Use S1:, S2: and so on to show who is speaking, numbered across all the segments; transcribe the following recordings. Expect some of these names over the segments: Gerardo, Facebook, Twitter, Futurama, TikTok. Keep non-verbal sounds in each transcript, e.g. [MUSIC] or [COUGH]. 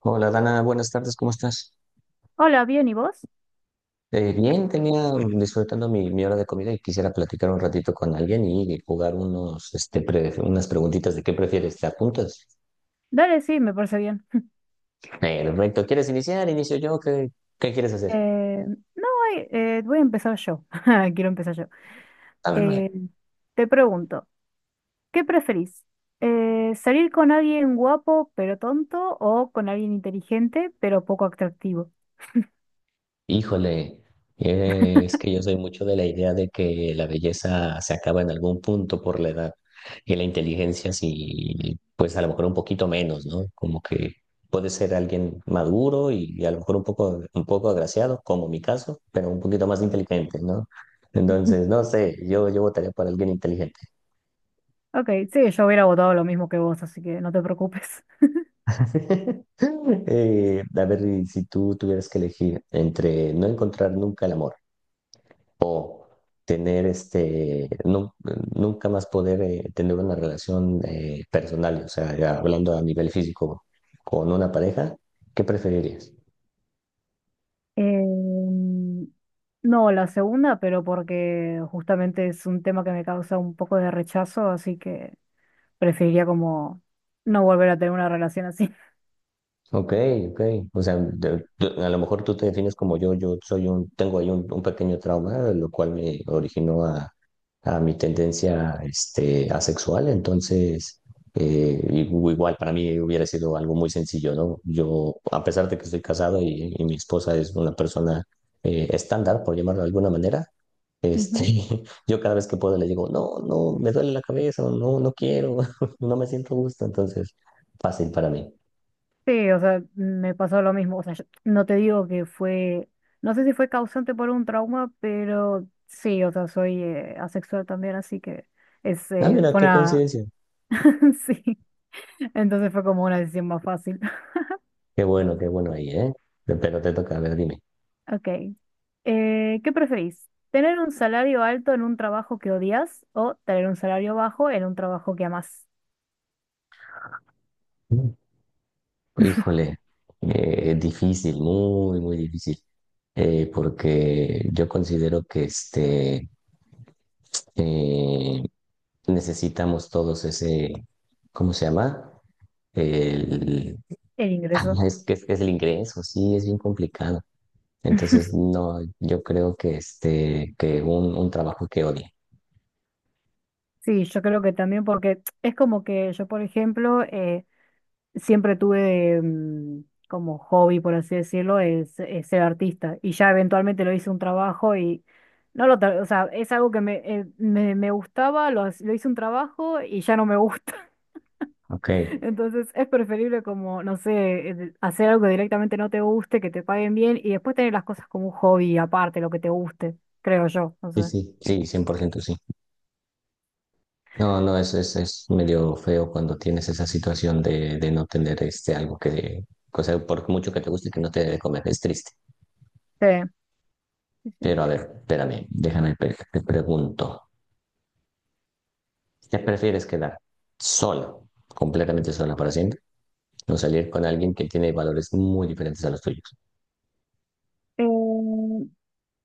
S1: Hola Dana, buenas tardes, ¿cómo estás?
S2: Hola, bien, ¿y vos?
S1: Bien, tenía disfrutando mi hora de comida y quisiera platicar un ratito con alguien y jugar unas preguntitas de qué prefieres, ¿te apuntas?
S2: Dale, sí, me parece bien. [LAUGHS]
S1: Perfecto, ¿quieres iniciar? Inicio yo, ¿qué quieres hacer?
S2: Eh, no, ay, voy a empezar yo. [LAUGHS] Quiero empezar yo.
S1: A ver, vale.
S2: Eh, Te pregunto, ¿qué preferís? ¿Salir con alguien guapo pero tonto o con alguien inteligente pero poco atractivo?
S1: Híjole, es que yo soy mucho de la idea de que la belleza se acaba en algún punto por la edad y la inteligencia sí, pues a lo mejor un poquito menos, ¿no? Como que puede ser alguien maduro y a lo mejor un poco agraciado, como mi caso, pero un poquito más inteligente, ¿no? Entonces,
S2: [LAUGHS]
S1: no sé, yo votaría por alguien inteligente.
S2: Ok, sí, yo hubiera votado lo mismo que vos, así que no te preocupes. [LAUGHS]
S1: [LAUGHS] A ver, y si tú tuvieras que elegir entre no encontrar nunca el amor, o tener nunca más poder tener una relación personal, o sea, ya hablando a nivel físico con una pareja, ¿qué preferirías?
S2: Em, no, la segunda, pero porque justamente es un tema que me causa un poco de rechazo, así que preferiría como no volver a tener una relación así.
S1: Ok, ok. O sea, a lo mejor tú te defines como yo soy tengo ahí un pequeño trauma, lo cual me originó a mi tendencia, asexual. Entonces, igual para mí hubiera sido algo muy sencillo, ¿no? Yo, a pesar de que estoy casado y mi esposa es una persona, estándar, por llamarlo de alguna manera,
S2: [LAUGHS]
S1: este,
S2: Ujú.
S1: [LAUGHS] yo cada vez que puedo le digo, no, no, me duele la cabeza, o no, no quiero, [LAUGHS] no me siento a gusto. Entonces, fácil para mí.
S2: Sí, o sea, me pasó lo mismo. O sea, yo no te digo que fue, no sé si fue causante por un trauma, pero sí, o sea, soy asexual también, así que es,
S1: Ah,
S2: eh,
S1: mira,
S2: fue
S1: qué
S2: una,
S1: coincidencia.
S2: [LAUGHS] sí, entonces fue como una decisión más fácil. [LAUGHS]
S1: Qué bueno ahí, ¿eh? Pero te toca, a ver, dime.
S2: Ok. ¿Qué preferís? ¿Tener un salario alto en un trabajo que odias o tener un salario bajo en un trabajo que amas?
S1: Mm. Híjole, difícil, muy, muy difícil. Porque yo considero que eh, necesitamos todos ese, ¿cómo se llama? El,
S2: El ingreso.
S1: es que es, que es el ingreso, sí, es bien complicado. Entonces, no, yo creo que, que un trabajo que odie.
S2: Sí, yo creo que también porque es como que yo, por ejemplo, siempre tuve como hobby, por así decirlo, es ser artista. Y ya eventualmente lo hice un trabajo y no lo, o sea, es algo que me gustaba, lo hice un trabajo y ya no me gusta.
S1: Ok,
S2: [LAUGHS]
S1: sí,
S2: Entonces es preferible como, no sé, hacer algo que directamente no te guste, que te paguen bien y después tener las cosas como un hobby aparte, lo que te guste, creo yo, no sé.
S1: sí, sí, 100% sí. No, no, es, es medio feo cuando tienes esa situación de no tener algo que, o sea, por mucho que te guste que no te debe comer, es triste.
S2: Sí, sí, sí.
S1: Pero a ver, espérame, déjame, te pregunto, ¿te prefieres quedar sola, completamente sola para siempre, o salir con alguien que tiene valores muy diferentes a los tuyos?
S2: Eh,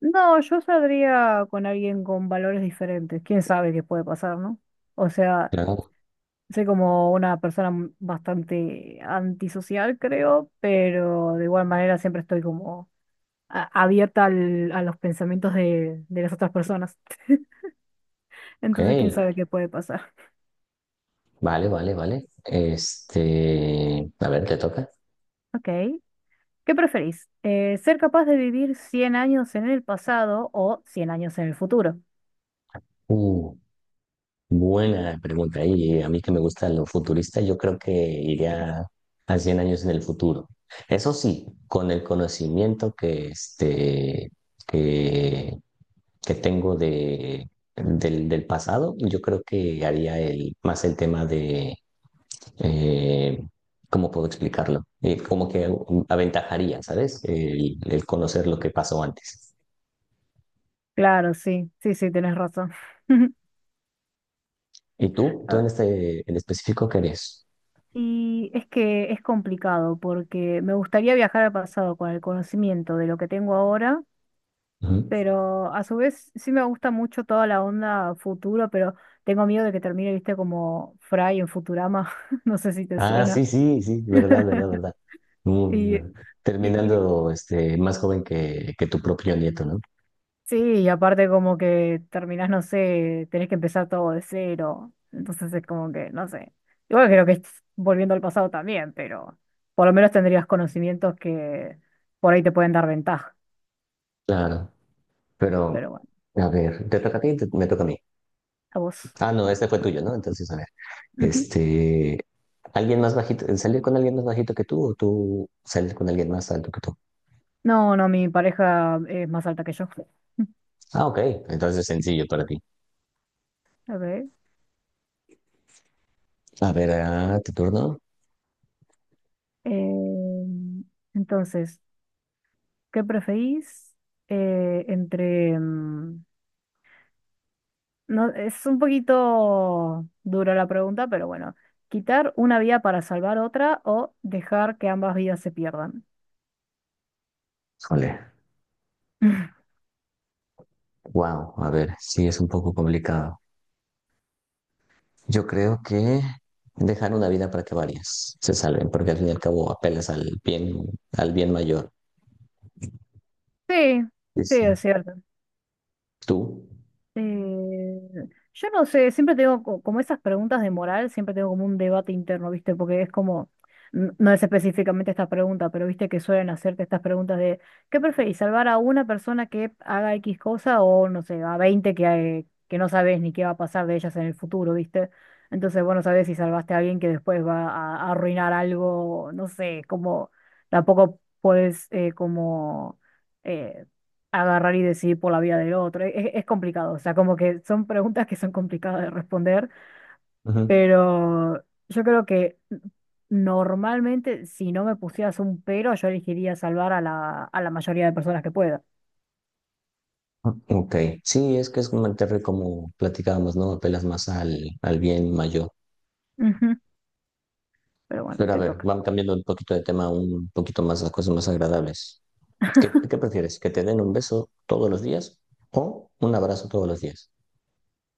S2: No, yo saldría con alguien con valores diferentes. ¿Quién sabe qué puede pasar, no? O sea,
S1: Claro.
S2: soy como una persona bastante antisocial, creo, pero de igual manera siempre estoy como abierta a los pensamientos de las otras personas. [LAUGHS]
S1: Ok,
S2: Entonces, ¿quién sabe qué puede pasar?
S1: vale, vale, vale. Este, a ver, ¿te toca?
S2: Ok. ¿Qué preferís? ¿Ser capaz de vivir 100 años en el pasado o 100 años en el futuro?
S1: Buena pregunta. Y a mí que me gusta lo futurista, yo creo que iría a 100 años en el futuro. Eso sí, con el conocimiento que, que tengo del pasado, yo creo que haría más el tema eh, ¿cómo puedo explicarlo? Como que aventajaría, ¿sabes? El conocer lo que pasó antes.
S2: Claro, sí, sí, sí, tenés razón. [LAUGHS]
S1: ¿Y tú? ¿Tú en este en específico qué eres?
S2: Y es que es complicado porque me gustaría viajar al pasado con el conocimiento de lo que tengo ahora, pero a su vez sí me gusta mucho toda la onda futuro, pero tengo miedo de que termine, viste, como Fry en Futurama, [LAUGHS] no sé si te
S1: Ah, sí,
S2: suena.
S1: sí, sí, verdad, verdad,
S2: [LAUGHS]
S1: verdad.
S2: Y,
S1: Mm,
S2: y-
S1: Terminando más joven que tu propio nieto, ¿no?
S2: Sí, y aparte como que terminás, no sé, tenés que empezar todo de cero. Entonces es como que, no sé. Igual creo que es volviendo al pasado también, pero por lo menos tendrías conocimientos que por ahí te pueden dar ventaja.
S1: Claro, pero
S2: Pero bueno,
S1: a ver, ¿te toca a ti? Me toca a mí.
S2: a vos.
S1: Ah, no, este fue tuyo, ¿no? Entonces, a ver,
S2: Ujú.
S1: este, ¿alguien más bajito, salir con alguien más bajito que tú o tú salir con alguien más alto que tú?
S2: No, no, mi pareja es más alta que yo. [LAUGHS]
S1: Ah, ok, entonces sencillo para ti.
S2: A ver.
S1: A ver, ah, ¿tu turno?
S2: eh, entonces, ¿qué preferís entre... no, es un poquito dura la pregunta, pero bueno, quitar una vida para salvar otra o dejar que ambas vidas se pierdan.
S1: Híjole,
S2: [LAUGHS]
S1: wow, a ver, sí, es un poco complicado. Yo creo que dejar una vida para que varias se salven, porque al fin y al cabo apelas al bien mayor.
S2: Sí,
S1: Sí,
S2: sí,
S1: sí.
S2: es cierto.
S1: ¿Tú?
S2: Eh, yo no sé, siempre tengo como esas preguntas de moral, siempre tengo como un debate interno, ¿viste? Porque es como, no es específicamente esta pregunta, pero viste que suelen hacerte estas preguntas de, ¿qué preferís, salvar a una persona que haga X cosa o, no sé, a 20 que no sabes ni qué va a pasar de ellas en el futuro, ¿viste? Entonces, bueno, sabes si salvaste a alguien que después va a arruinar algo, no sé, como tampoco puedes como... eh, agarrar y decidir por la vida del otro. Es complicado, o sea, como que son preguntas que son complicadas de responder,
S1: Ujú.
S2: pero yo creo que normalmente si no me pusieras un pero, yo elegiría salvar a la mayoría de personas que pueda.
S1: Ah, ok. Sí, es que es como, como platicábamos, ¿no? Apelas más al, al bien mayor.
S2: Ujú. Pero bueno,
S1: Pero a
S2: te
S1: ver,
S2: toca.
S1: vamos cambiando un poquito de tema, un poquito más a cosas más agradables. ¿Qué, qué prefieres? ¿Que te den un beso todos los días o un abrazo todos los días?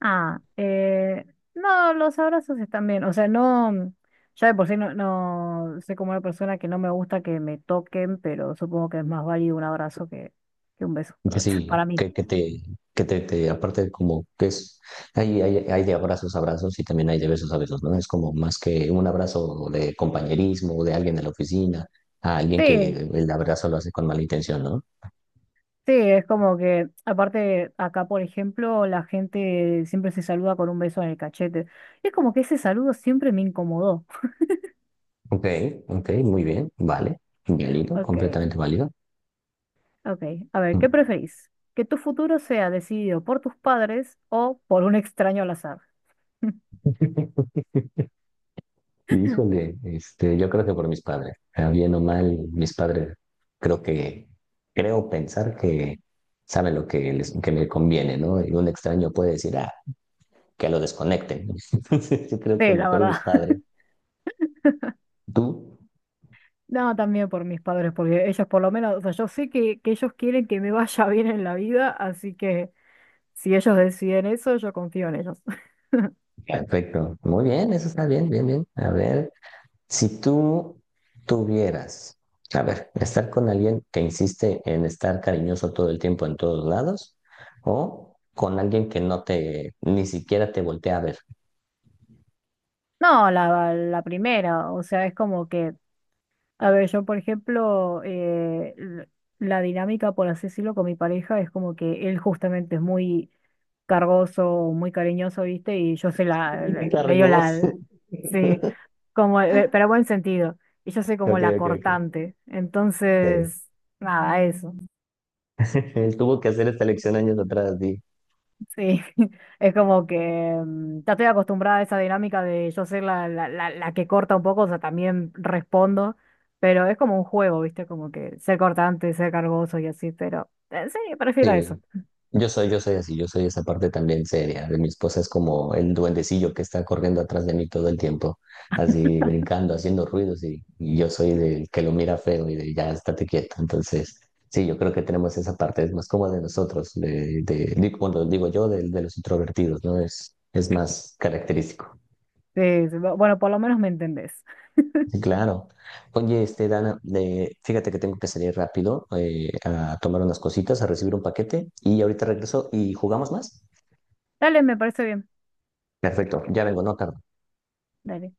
S2: Ah, no, los abrazos están bien, o sea, no, ya de por sí no, no soy como una persona que no me gusta que me toquen, pero supongo que es más válido un abrazo que un beso [LAUGHS]
S1: Que
S2: para
S1: sí,
S2: mí.
S1: que te- Aparte como que es, hay de abrazos a abrazos y también hay de besos a besos, ¿no? Es como más que un abrazo de compañerismo, de alguien de la oficina, a alguien que
S2: Sí,
S1: el abrazo lo hace con mala intención, ¿no?
S2: sí, es como que, aparte, acá, por ejemplo, la gente siempre se saluda con un beso en el cachete. Y es como que ese saludo siempre me incomodó.
S1: Ok, ok, muy bien, vale, válido,
S2: Ok,
S1: completamente válido.
S2: ok. A ver,
S1: Mm.
S2: ¿qué preferís? ¿Que tu futuro sea decidido por tus padres o por un extraño al azar? [LAUGHS]
S1: Híjole, yo creo que por mis padres, bien o mal, mis padres, creo que, creo pensar que saben lo que les, que me conviene, ¿no? Y un extraño puede decir, ah, que lo desconecten, ¿no? [LAUGHS] Entonces, yo creo que
S2: Sí, la
S1: mejor mis
S2: verdad. [LAUGHS]
S1: padres. Tú,
S2: No, también por mis padres, porque ellos por lo menos, o sea, yo sé que ellos quieren que me vaya [LAUGHS] bien en la vida, así que si ellos deciden eso, yo confío en ellos. [LAUGHS]
S1: perfecto. Muy bien, eso está bien, bien, bien. A ver, si tú tuvieras, a ver, estar con alguien que insiste en estar cariñoso todo el tiempo en todos lados o con alguien que no te, ni siquiera te voltea a ver.
S2: No, la primera, o sea, es como que a ver, yo por ejemplo, la dinámica, por así decirlo, con mi pareja es como que él justamente es muy cargoso, muy cariñoso, ¿viste? Y yo soy
S1: [LAUGHS]
S2: medio la,
S1: Cargoso.
S2: sí, como, pero buen sentido. Y yo soy como
S1: Ok,
S2: la
S1: ok, ok.
S2: cortante.
S1: Ok.
S2: Entonces, nada, eso.
S1: [LAUGHS] Él tuvo que hacer esta lección años atrás, di.
S2: Sí, [LAUGHS] es como que ya estoy acostumbrada a esa dinámica de yo ser la que corta un poco, o sea, también respondo, pero es como un juego, ¿viste? Como que ser cortante, ser cargoso y así, pero sí, prefiero eso.
S1: Sí, yo soy así, yo soy esa parte también seria. De Mi esposa es como el duendecillo que está corriendo atrás de mí todo el tiempo, así brincando, haciendo ruidos y yo soy del que lo mira feo y de ya estate quieto. Entonces, sí, yo creo que tenemos esa parte, es más como de nosotros, bueno, digo yo, de los introvertidos, ¿no? Es más característico.
S2: Sí, sí, bueno, por lo menos me entendés.
S1: Sí, claro. Oye, Dana, fíjate que tengo que salir rápido a tomar unas cositas, a recibir un paquete y ahorita regreso y jugamos más.
S2: Dale, me parece bien.
S1: Perfecto, ya vengo, no tardo.
S2: Dale.